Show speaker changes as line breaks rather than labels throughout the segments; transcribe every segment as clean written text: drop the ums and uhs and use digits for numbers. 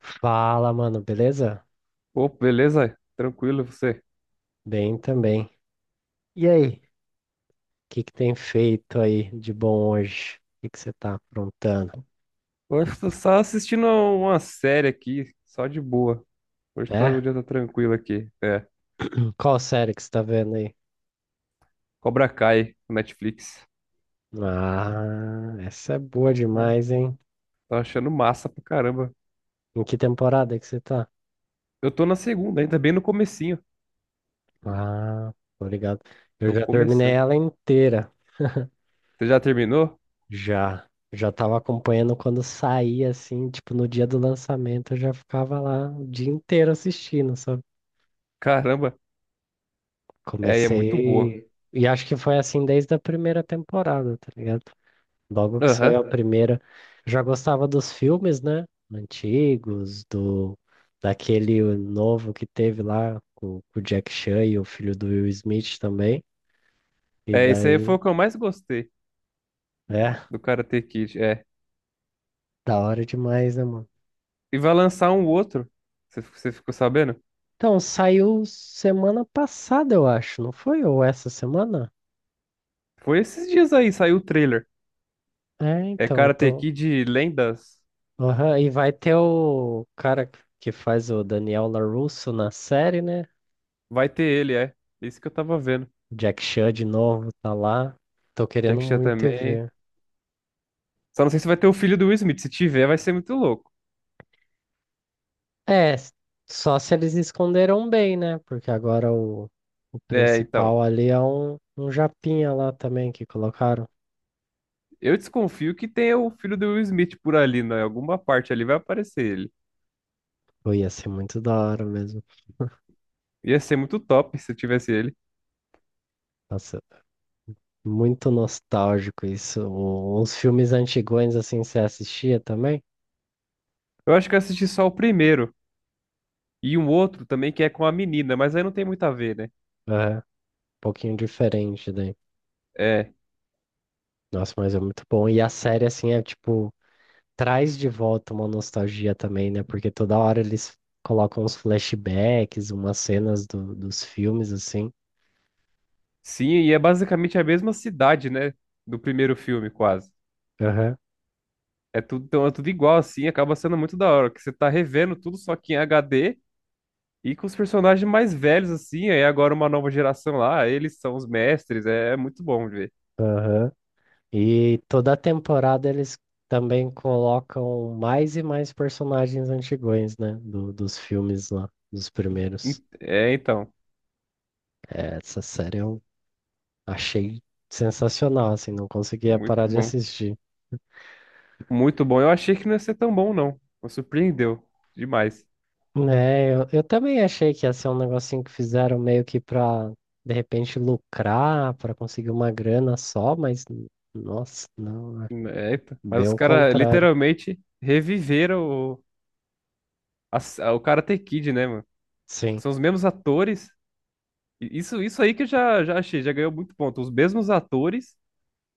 Fala, mano, beleza?
Opa, beleza? Tranquilo, você?
Bem também. E aí, o que que tem feito aí de bom hoje? O que que você tá aprontando?
Hoje eu tô só assistindo uma série aqui, só de boa. O
É?
dia tá tranquilo aqui. É,
Qual série que você tá vendo aí?
Cobra Kai, no Netflix.
Ah, essa é boa
Tá,
demais, hein?
tô achando massa pra caramba.
Em que temporada que você tá?
Eu tô na segunda ainda, bem no comecinho.
Ah, tô ligado. Eu
Tô
já terminei
começando.
ela inteira.
Você já terminou?
Já. Já tava acompanhando quando saía, assim, tipo, no dia do lançamento, eu já ficava lá o dia inteiro assistindo, sabe?
Caramba, é, e é muito boa.
Comecei. E acho que foi assim desde a primeira temporada, tá ligado? Logo que saiu
Aham.
a primeira. Já gostava dos filmes, né? Antigos, do daquele novo que teve lá com o Jack Chan e o filho do Will Smith também. E
É, isso aí foi
daí,
o que eu mais gostei
é,
do Karate Kid, é.
da hora demais, né, mano?
E vai lançar um outro, você ficou sabendo?
Então, saiu semana passada, eu acho, não foi? Ou essa semana?
Foi esses dias aí, saiu o trailer.
É,
É
então, eu
Karate
tô.
Kid Lendas.
Aham, e vai ter o cara que faz o Daniel LaRusso na série, né?
Vai ter ele, é. Isso que eu tava vendo.
Jack Chan de novo tá lá. Tô
Jack
querendo
Chan
muito ir
também.
ver.
Só não sei se vai ter o filho do Will Smith. Se tiver, vai ser muito louco.
É, só se eles esconderam bem, né? Porque agora o
É, então.
principal ali é um japinha lá também que colocaram.
Eu desconfio que tenha o filho do Will Smith por ali, né? Em alguma parte ali vai aparecer ele.
Pô, ia ser muito da hora mesmo.
Ia ser muito top se tivesse ele.
Nossa, muito nostálgico isso. Uns filmes antigões assim você assistia também?
Eu acho que eu assisti só o primeiro. E um outro também que é com a menina, mas aí não tem muito a ver, né?
É, um pouquinho diferente daí.
É.
Nossa, mas é muito bom. E a série, assim, é tipo, traz de volta uma nostalgia também, né? Porque toda hora eles colocam uns flashbacks, umas cenas dos filmes, assim.
Sim, e é basicamente a mesma cidade, né? Do primeiro filme, quase.
Aham,
É tudo, então é tudo igual, assim, acaba sendo muito da hora, que você tá revendo tudo só que em HD. E com os personagens mais velhos, assim, aí agora uma nova geração lá, eles são os mestres, é, é muito bom de ver.
aham. E toda temporada eles também colocam mais e mais personagens antigões, né? Dos filmes lá, dos primeiros.
É, então,
É, essa série eu achei sensacional, assim, não conseguia parar
muito
de
bom.
assistir.
Muito bom. Eu achei que não ia ser tão bom, não. Me surpreendeu demais.
É, eu também achei que ia ser um negocinho que fizeram meio que pra, de repente, lucrar, pra conseguir uma grana só, mas, nossa, não, é
É, então.
bem
Mas os
o
caras
contrário.
literalmente reviveram o Karate Kid, né, mano?
Sim.
São os mesmos atores. E isso aí que eu já achei, já ganhou muito ponto. Os mesmos atores,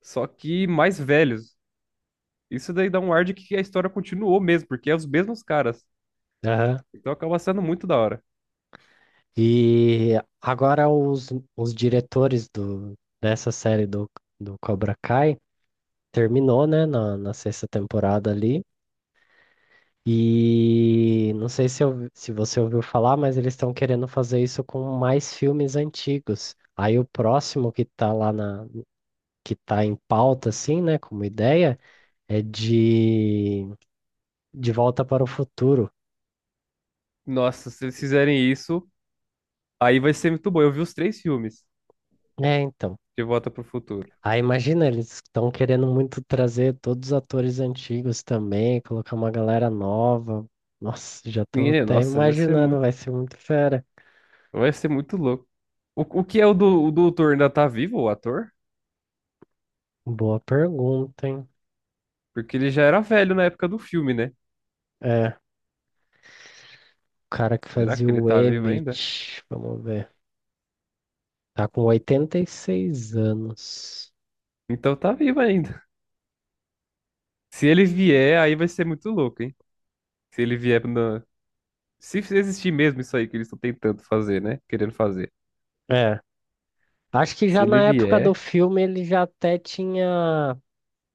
só que mais velhos. Isso daí dá um ar de que a história continuou mesmo, porque é os mesmos caras.
Aham.
Então acaba sendo muito da hora.
E agora os diretores dessa série do Cobra Kai terminou, né, na sexta temporada ali. E não sei se, se você ouviu falar, mas eles estão querendo fazer isso com mais filmes antigos. Aí o próximo que tá lá que está em pauta, assim, né, como ideia, é de De Volta para o Futuro.
Nossa, se eles fizerem isso, aí vai ser muito bom. Eu vi os três filmes
É, então.
de Volta pro Futuro.
Aí imagina, eles estão querendo muito trazer todos os atores antigos também, colocar uma galera nova. Nossa, já tô
Ninguém,
até
nossa, vai ser
imaginando,
muito,
vai ser muito fera.
vai ser muito louco. O que é o doutor ainda tá vivo, o ator?
Boa pergunta, hein?
Porque ele já era velho na época do filme, né?
É, o cara que
Será
fazia
que ele
o
tá vivo ainda?
Emmett, vamos ver. Tá com 86 anos.
Então tá vivo ainda. Se ele vier, aí vai ser muito louco, hein? Se ele vier na... Se existir mesmo isso aí que eles estão tentando fazer, né? Querendo fazer.
É, acho que
Se
já
ele
na época do
vier,
filme ele já até tinha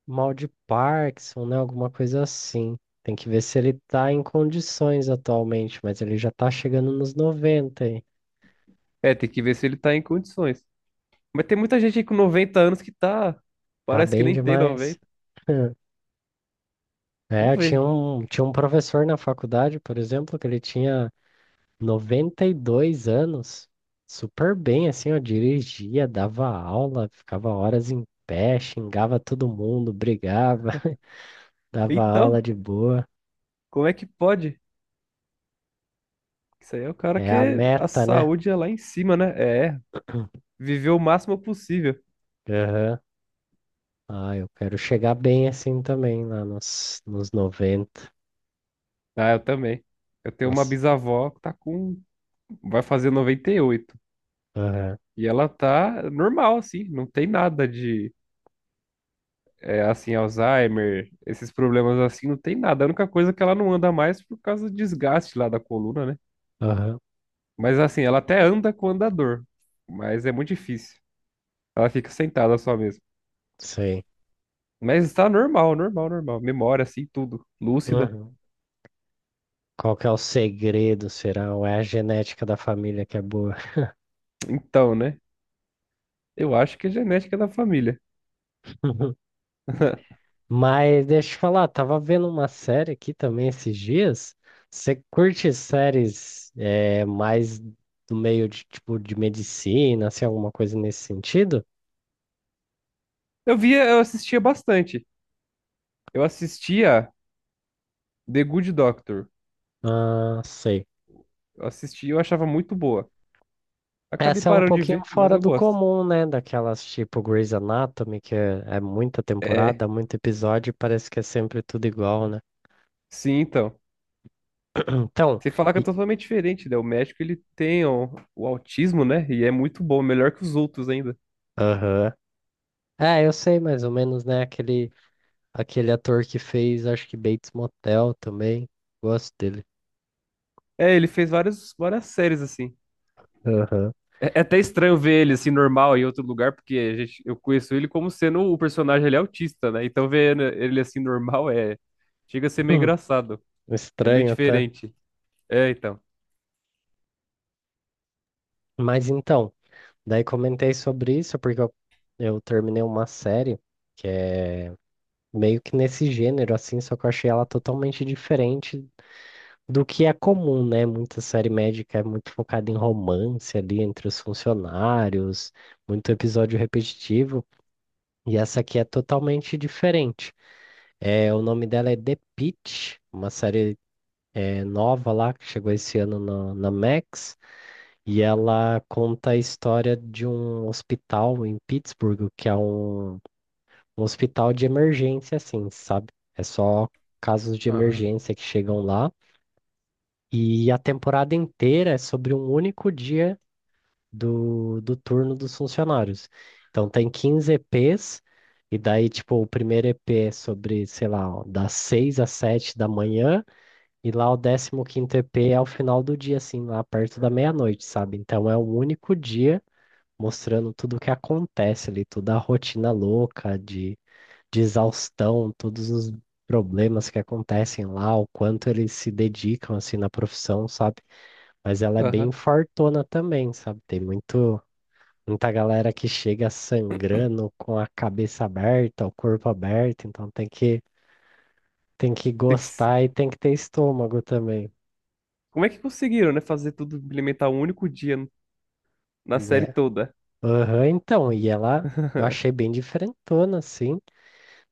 mal de Parkinson, né? Alguma coisa assim. Tem que ver se ele tá em condições atualmente, mas ele já tá chegando nos noventa aí.
é, tem que ver se ele tá em condições. Mas tem muita gente aí com 90 anos que tá.
Tá
Parece que
bem
nem tem
demais.
90.
É,
Vamos
eu tinha
ver.
um, tinha um professor na faculdade, por exemplo, que ele tinha 92 anos, super bem, assim, ó, dirigia, dava aula, ficava horas em pé, xingava todo mundo, brigava, dava aula
Então,
de boa.
como é que pode? Isso aí é o cara
É a
que a
meta, né?
saúde é lá em cima, né? É, viver o máximo possível.
Ah, eu quero chegar bem assim também, lá nos 90.
Ah, eu também. Eu tenho uma
Nossa,
bisavó que tá com. Vai fazer 98. E oito.
aham,
E ela tá normal, assim. Não tem nada de, é, assim, Alzheimer, esses problemas assim, não tem nada. A única coisa é que ela não anda mais por causa do desgaste lá da coluna, né?
aham,
Mas, assim, ela até anda com andador. Mas é muito difícil. Ela fica sentada só mesmo.
sei.
Mas está normal, normal, normal. Memória, assim, tudo. Lúcida.
Uhum. Qual que é o segredo, será? Ou é a genética da família que é boa?
Então, né? Eu acho que é genética da família.
Mas deixa eu te falar, tava vendo uma série aqui também esses dias. Você curte séries mais do meio de tipo de medicina, assim, alguma coisa nesse sentido?
Eu via, eu assistia bastante. Eu assistia The Good Doctor.
Ah, sei.
Eu assistia, eu achava muito boa. Acabei
Essa é um
parando de
pouquinho
ver, mas
fora
eu
do
gosto.
comum, né? Daquelas tipo Grey's Anatomy, que é muita
É,
temporada, muito episódio, e parece que é sempre tudo igual, né?
sim, então.
Então,
Sem falar que é
e-
totalmente diferente, né? O médico, ele tem o autismo, né? E é muito bom, melhor que os outros ainda.
aham. É, eu sei mais ou menos, né? Aquele ator que fez, acho que Bates Motel também. Gosto dele.
É, ele fez várias, várias séries, assim.
Aham.
É até estranho ver ele assim normal em outro lugar, porque eu conheço ele como sendo o personagem ele é autista, né? Então ver ele assim normal é chega a ser meio
Hum,
engraçado, é meio
estranho, tá?
diferente. É, então.
Mas então, daí comentei sobre isso porque eu terminei uma série que é meio que nesse gênero, assim, só que eu achei ela totalmente diferente do que é comum, né? Muita série médica é muito focada em romance ali entre os funcionários, muito episódio repetitivo, e essa aqui é totalmente diferente. É, o nome dela é The Pitt, uma série nova lá que chegou esse ano na Max, e ela conta a história de um hospital em Pittsburgh, que é um hospital de emergência, assim, sabe? É só casos de
Aham.
emergência que chegam lá. E a temporada inteira é sobre um único dia do turno dos funcionários. Então tem 15 EPs, e daí, tipo, o primeiro EP é sobre, sei lá, ó, das 6 às 7 da manhã, e lá o 15º EP é ao final do dia, assim, lá perto da meia-noite, sabe? Então é um único dia mostrando tudo o que acontece ali, toda a rotina louca de exaustão, todos os problemas que acontecem lá, o quanto eles se dedicam, assim, na profissão, sabe? Mas ela é
Aham.
bem fortona também, sabe? Tem muita galera que chega sangrando com a cabeça aberta, o corpo aberto, então tem que
Tem que se-
gostar e tem que ter estômago também,
Como é que conseguiram, né, fazer tudo implementar um único dia na série
né?
toda?
Aham, então, e ela eu achei bem diferentona, assim.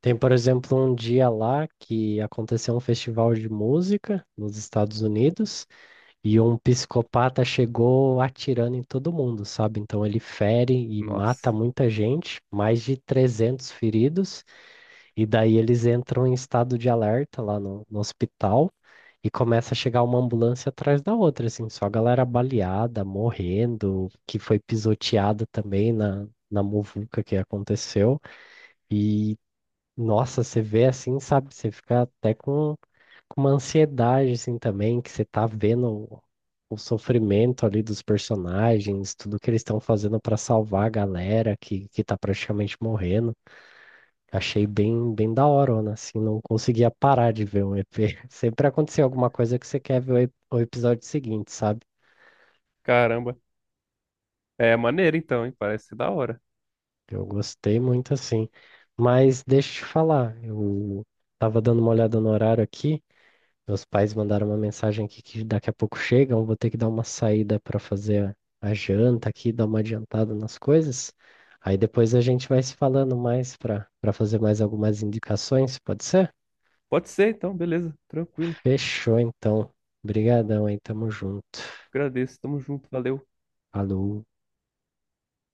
Tem, por exemplo, um dia lá que aconteceu um festival de música nos Estados Unidos. E um psicopata chegou atirando em todo mundo, sabe? Então ele fere e mata
Nossa.
muita gente, mais de 300 feridos, e daí eles entram em estado de alerta lá no hospital e começa a chegar uma ambulância atrás da outra, assim, só a galera baleada, morrendo, que foi pisoteada também na muvuca que aconteceu. E nossa, você vê assim, sabe? Você fica até com uma ansiedade, assim, também, que você tá vendo o sofrimento ali dos personagens, tudo que eles estão fazendo pra salvar a galera que tá praticamente morrendo. Achei bem, bem da hora, né? Assim, não conseguia parar de ver um EP. Sempre acontecia alguma coisa que você quer ver o episódio seguinte, sabe?
Caramba. É maneiro então, hein? Parece ser da hora.
Eu gostei muito, assim. Mas deixa eu te falar, eu tava dando uma olhada no horário aqui. Meus pais mandaram uma mensagem aqui que daqui a pouco chegam, eu vou ter que dar uma saída para fazer a janta aqui, dar uma adiantada nas coisas. Aí depois a gente vai se falando mais para fazer mais algumas indicações, pode ser?
Pode ser então, beleza. Tranquilo.
Fechou então. Obrigadão aí, tamo junto.
Agradeço. Tamo junto. Valeu.
Falou.